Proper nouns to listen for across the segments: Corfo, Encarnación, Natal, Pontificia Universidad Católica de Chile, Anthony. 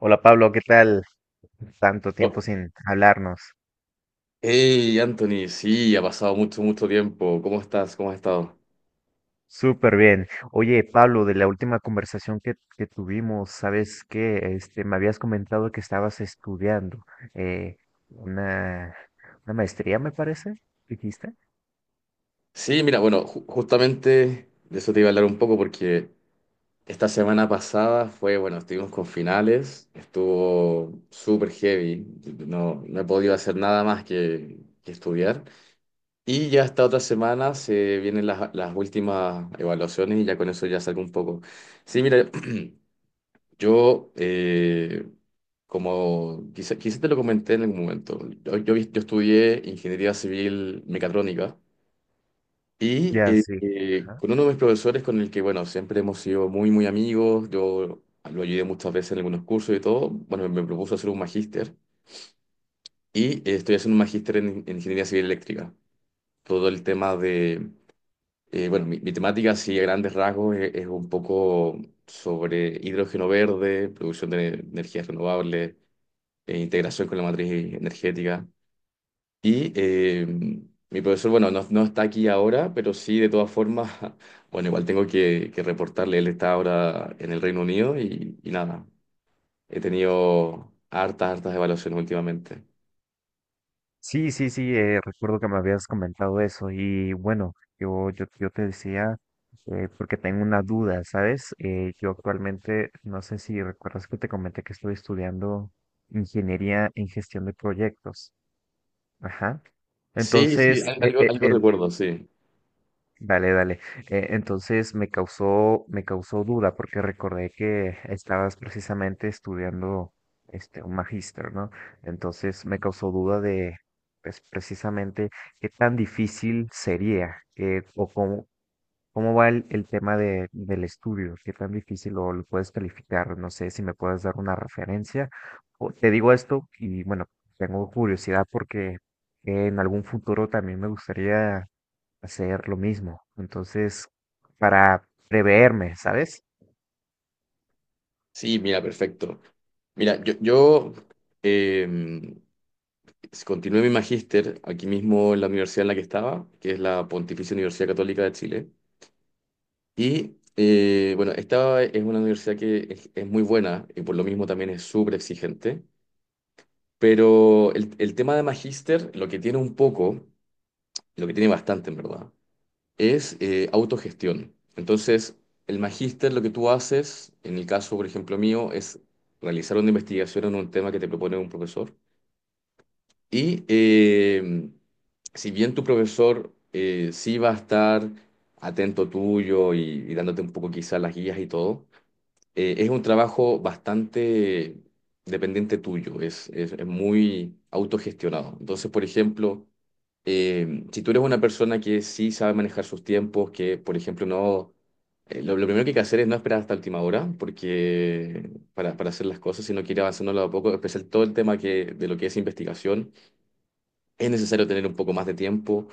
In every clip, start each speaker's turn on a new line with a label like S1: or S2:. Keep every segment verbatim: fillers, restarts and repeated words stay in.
S1: Hola Pablo, ¿qué tal? Tanto
S2: Oh,
S1: tiempo sin hablarnos.
S2: hey, Anthony, sí, ha pasado mucho, mucho tiempo. ¿Cómo estás? ¿Cómo has estado?
S1: Súper bien. Oye, Pablo, de la última conversación que, que tuvimos, ¿sabes qué? Este, me habías comentado que estabas estudiando eh, una, una maestría, me parece, dijiste.
S2: Sí, mira, bueno, ju- justamente de eso te iba a hablar un poco porque esta semana pasada fue, bueno, estuvimos con finales, estuvo súper heavy, no, no he podido hacer nada más que, que estudiar. Y ya esta otra semana se vienen las, las últimas evaluaciones y ya con eso ya salgo un poco. Sí, mira, yo, eh, como quizá, quizá te lo comenté en algún momento, yo, yo, yo estudié ingeniería civil mecatrónica y
S1: Ya,
S2: eh,
S1: sí.
S2: eh, con uno de mis profesores con el que, bueno, siempre hemos sido muy, muy amigos, yo lo ayudé muchas veces en algunos cursos y todo, bueno, me propuso hacer un magíster y eh, estoy haciendo un magíster en, en ingeniería civil eléctrica. Todo el tema de, eh, bueno, mi, mi temática, así a grandes rasgos, es, es un poco sobre hidrógeno verde, producción de energías renovables eh, integración con la matriz energética. Y eh, mi profesor, bueno, no, no está aquí ahora, pero sí, de todas formas, bueno, igual tengo que, que reportarle, él está ahora en el Reino Unido y, y nada, he tenido hartas, hartas evaluaciones últimamente.
S1: Sí, sí, sí, eh, recuerdo que me habías comentado eso y bueno, yo, yo, yo te decía, eh, porque tengo una duda, ¿sabes? Eh, yo actualmente, no sé si recuerdas que te comenté que estoy estudiando ingeniería en gestión de proyectos. Ajá.
S2: Sí, sí,
S1: Entonces,
S2: al-
S1: eh,
S2: algo,
S1: eh,
S2: algo
S1: eh,
S2: recuerdo, sí.
S1: dale, dale. Eh, entonces me causó, me causó duda porque recordé que estabas precisamente estudiando este un magíster, ¿no? Entonces me causó duda de pues, precisamente qué tan difícil sería eh, o cómo, cómo va el, el tema de, del estudio, qué tan difícil o lo puedes calificar. No sé si me puedes dar una referencia. O- te digo esto y bueno, tengo curiosidad porque en algún futuro también me gustaría hacer lo mismo. Entonces, para preverme, ¿sabes?
S2: Sí, mira, perfecto. Mira, yo, yo em, continué mi magíster aquí mismo en la universidad en la que estaba, que es la Pontificia Universidad Católica de Chile. Y eh, bueno, esta es una universidad que es, es muy buena y por lo mismo también es súper exigente, pero el, el tema de magíster, lo que tiene un poco, lo que tiene bastante en verdad, es eh, autogestión. Entonces, el magíster lo que tú haces, en el caso, por ejemplo, mío, es realizar una investigación en un tema que te propone un profesor y eh, si bien tu profesor eh, sí va a estar atento tuyo y, y dándote un poco quizás las guías y todo, eh, es un trabajo bastante dependiente tuyo, es, es, es muy autogestionado. Entonces, por ejemplo, eh, si tú eres una persona que sí sabe manejar sus tiempos, que, por ejemplo, no... eh, lo, lo primero que hay que hacer es no esperar hasta última hora, porque para, para hacer las cosas, sino que ir avanzando a poco, especial todo el tema que, de lo que es investigación es necesario tener un poco más de tiempo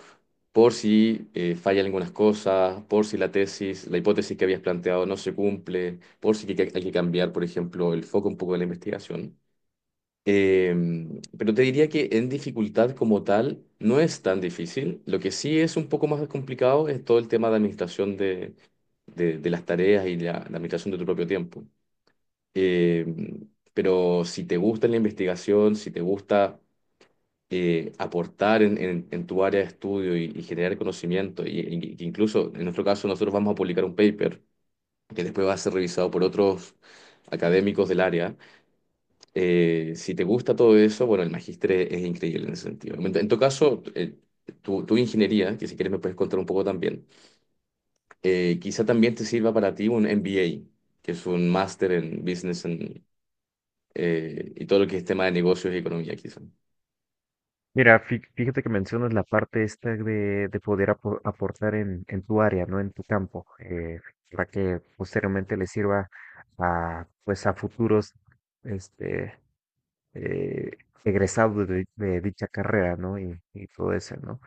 S2: por si eh, fallan algunas cosas, por si la tesis, la hipótesis que habías planteado no se cumple, por si hay que, hay que cambiar, por ejemplo, el foco un poco de la investigación. Em, pero te diría que en dificultad como tal no es tan difícil. Lo que sí es un poco más complicado es todo el tema de administración de, de, de las tareas y la, la administración de tu propio tiempo. Em, pero si te gusta la investigación, si te gusta eh, aportar en, en- en tu área de estudio y, y generar conocimiento. Y, y- y incluso en nuestro caso nosotros vamos a publicar un paper que después va a ser revisado por otros académicos del área. Eh, si te gusta todo eso, bueno, el magíster es, es increíble en ese sentido. En, en tu caso, eh, tu, tu ingeniería, que si quieres me puedes contar un poco también, eh, quizá también te sirva para ti un M B A, que es un máster en business and, eh, y todo lo que es tema de negocios y economía, quizá.
S1: Mira, fí- fíjate que mencionas la parte esta de, de poder apo- aportar en, en tu área, ¿no? En tu campo, eh, para que posteriormente le sirva a, pues, a futuros, este, eh, egresado de, de dicha carrera, ¿no? Y, y todo eso, ¿no?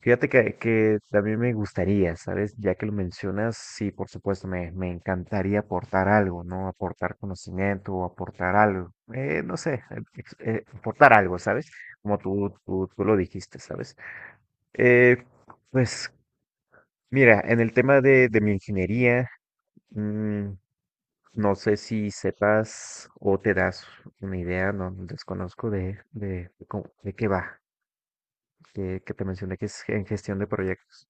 S1: Fíjate que, que también me gustaría, ¿sabes? Ya que lo mencionas, sí, por supuesto, me, me encantaría aportar algo, ¿no? Aportar conocimiento o aportar algo, eh, no sé, ex- eh, aportar algo, ¿sabes? Como tú, tú, tú lo dijiste, ¿sabes? Eh, pues mira, en el tema de, de mi ingeniería, mm, no sé si sepas o te das una idea, no desconozco de, de, de cómo- de qué va, que, que te mencioné que es en gestión de proyectos.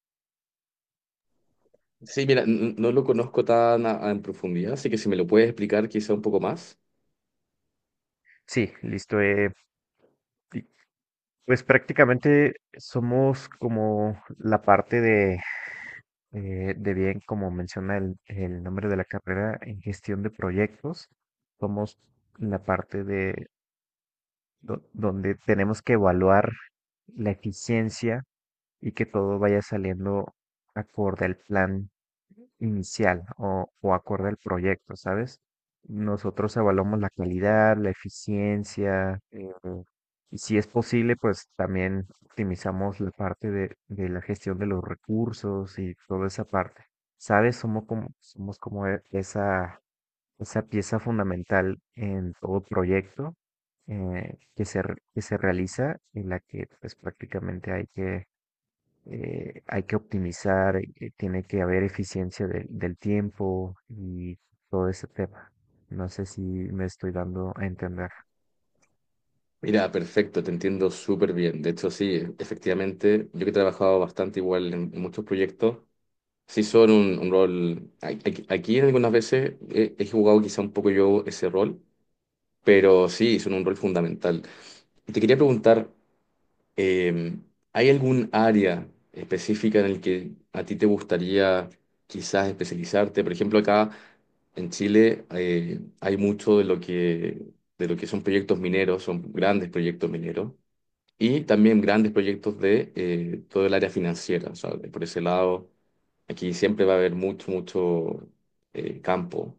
S2: Sí, mira, n- no lo conozco tan a- a en profundidad, así que si me lo puedes explicar quizá un poco más.
S1: Sí, listo. eh, y, pues prácticamente somos como la parte de, eh, de bien, como menciona el, el nombre de la carrera, en gestión de proyectos. Somos la parte de do- donde tenemos que evaluar la eficiencia y que todo vaya saliendo acorde al plan inicial o, o acorde al proyecto, ¿sabes? Nosotros evaluamos la calidad, la eficiencia, eh, y si es posible, pues también optimizamos la parte de, de la gestión de los recursos y toda esa parte. ¿Sabes? Somos como, somos como e- esa, esa pieza fundamental en todo proyecto eh, que se, re- que se realiza, en la que pues prácticamente hay que eh, hay que optimizar, eh, tiene que haber eficiencia del del tiempo y todo ese tema. No sé si me estoy dando a entender.
S2: Mira, perfecto, te entiendo súper bien. De hecho, sí, e- efectivamente, yo que he trabajado bastante igual en, en muchos proyectos, sí son un, un rol, a- aquí aquí algunas veces he, he jugado quizá un poco yo ese rol, pero sí, son un rol fundamental. Y te quería preguntar, Eh, ¿hay algún área específica en el que a ti te gustaría quizás especializarte? Por ejemplo, acá en Chile eh, hay mucho de lo que, de lo que son proyectos mineros, son grandes proyectos mineros, y también grandes proyectos de eh, todo el área financiera. O sea, por ese lado, aquí siempre va a haber mucho, mucho eh, campo.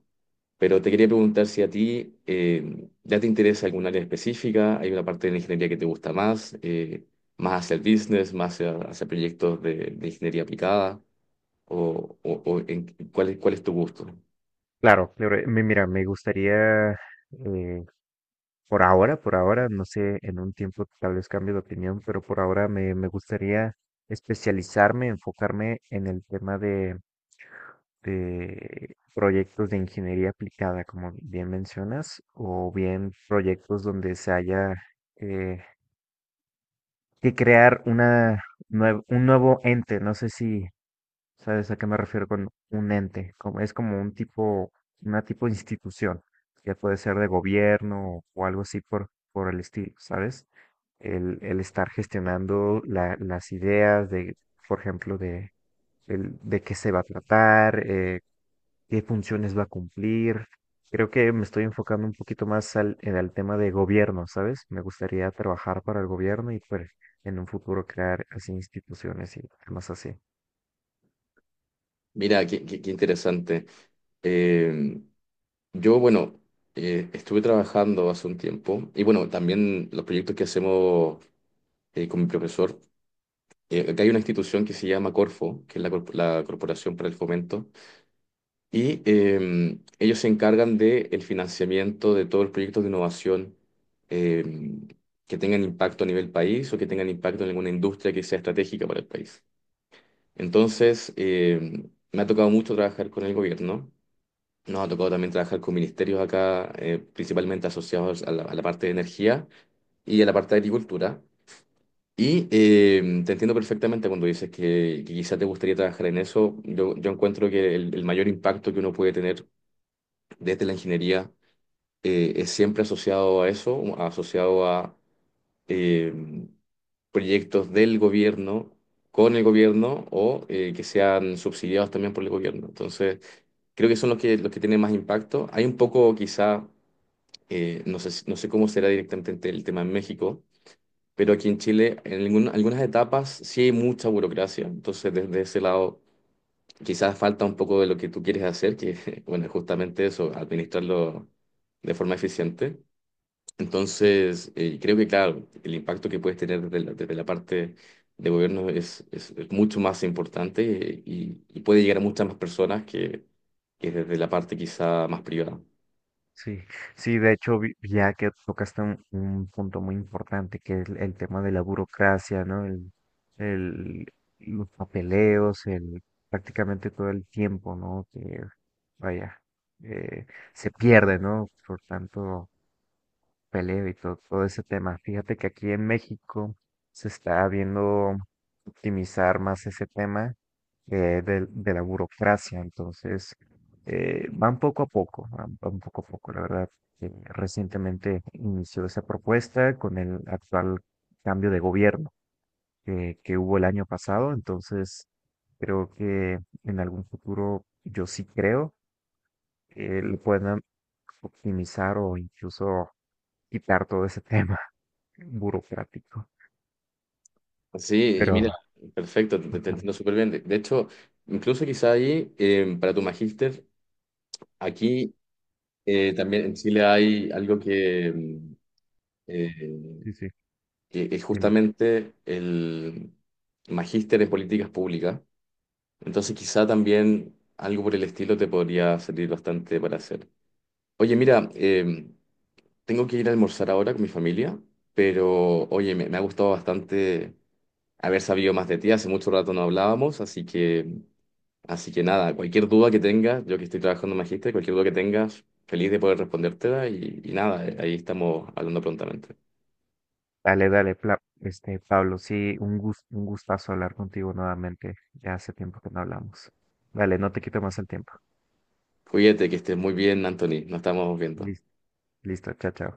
S2: Pero te quería preguntar si a ti eh, ya te interesa algún área específica, hay una parte de la ingeniería que te gusta más, eh, más hacia el business, más hacia, hacia proyectos de, de ingeniería aplicada, o, o- o en- cuál es, cuál es tu gusto.
S1: Claro, pero eh, mi- mira, me gustaría, eh, por ahora, por ahora, no sé, en un tiempo tal vez cambie de opinión, pero por ahora me, me gustaría especializarme, enfocarme en el tema de, de proyectos de ingeniería aplicada, como bien mencionas, o bien proyectos donde se haya... eh, que crear una, nue- un nuevo ente. No sé si sabes a qué me refiero con un ente. Como, es como un tipo, una tipo de institución, que puede ser de gobierno o algo así por, por el estilo, ¿sabes? El, el estar gestionando la- las ideas de, por ejemplo, de, el- de qué se va a tratar, eh, qué funciones va a cumplir. Creo que me estoy enfocando un poquito más al, en el tema de gobierno, ¿sabes? Me gustaría trabajar para el gobierno y pues en un futuro crear así instituciones y temas así.
S2: Mira, qué, qué- qué interesante. Eh, yo, bueno, eh, estuve trabajando hace un tiempo y bueno, también los proyectos que hacemos eh, con mi profesor, eh, acá hay una institución que se llama Corfo, que es la, corp- la Corporación para el Fomento. Y eh, ellos se encargan del financiamiento de todos los proyectos de innovación eh, que tengan impacto a nivel país o que tengan impacto en alguna industria que sea estratégica para el país. Entonces, eh, me ha tocado mucho trabajar con el gobierno. Nos ha tocado también trabajar con ministerios acá, eh, principalmente asociados a la, a la parte de energía y a la parte de agricultura. Y eh, te entiendo perfectamente cuando dices que, que quizá te gustaría trabajar en eso. Yo, yo encuentro que el, el mayor impacto que uno puede tener desde la ingeniería eh, es siempre asociado a eso, asociado a eh, proyectos del gobierno, con el gobierno o eh, que sean subsidiados también por el gobierno. Entonces, creo que son los que, los que tienen más impacto. Hay un poco quizá, eh, no sé, si- no sé cómo será directamente el tema en México. Pero aquí en Chile, en algún- algunas etapas sí hay mucha burocracia, entonces desde ese lado quizás falta un poco de lo que tú quieres hacer, que bueno, es justamente eso, administrarlo de forma eficiente. Entonces, eh, creo que claro, el impacto que puedes tener desde la, desde la parte de gobierno es, es, es mucho más importante eh, y, y puede llegar a muchas más personas que, que desde la parte quizá más privada.
S1: Sí, sí, de hecho, vi- ya que tocaste un, un punto muy importante, que es el, el tema de la burocracia, ¿no? El, el, los papeleos, el, prácticamente todo el tiempo, ¿no? Que, vaya, eh, se pierde, ¿no? Por tanto peleo y todo, todo ese tema. Fíjate que aquí en México se está viendo optimizar más ese tema eh, del- de, la burocracia. Entonces, eh, van poco a poco, van, van poco a poco. La verdad, eh, recientemente inició esa propuesta con el actual cambio de gobierno que, que hubo el año pasado. Entonces, creo que en algún futuro, yo sí creo, que lo puedan optimizar o incluso quitar todo ese tema burocrático.
S2: Sí, y
S1: Pero,
S2: mira, perfecto, te, te
S1: ajá,
S2: entiendo súper bien. De, de hecho, incluso quizá ahí, eh, para tu magíster, aquí eh, también en Chile hay algo que, mm, eh,
S1: sí, sí,
S2: que es
S1: dime.
S2: justamente el magíster en políticas públicas. Entonces quizá también algo por el estilo te podría servir bastante para hacer. Oye, mira, eh, tengo que ir a almorzar ahora con mi familia, pero oye, me, me ha gustado bastante haber sabido más de ti. Hace mucho rato no hablábamos, así que, así que nada, cualquier duda que tengas, yo que estoy trabajando en magíster, cualquier duda que tengas, feliz de poder respondértela y, y nada, eh, ahí estamos hablando prontamente.
S1: Dale, dale, Pla- este, Pablo, sí, un gus- un gustazo hablar contigo nuevamente. Ya hace tiempo que no hablamos. Dale, no te quito más el tiempo.
S2: Cuídate, que estés muy bien, Anthony. Nos estamos viendo.
S1: Listo, listo, chao, chao.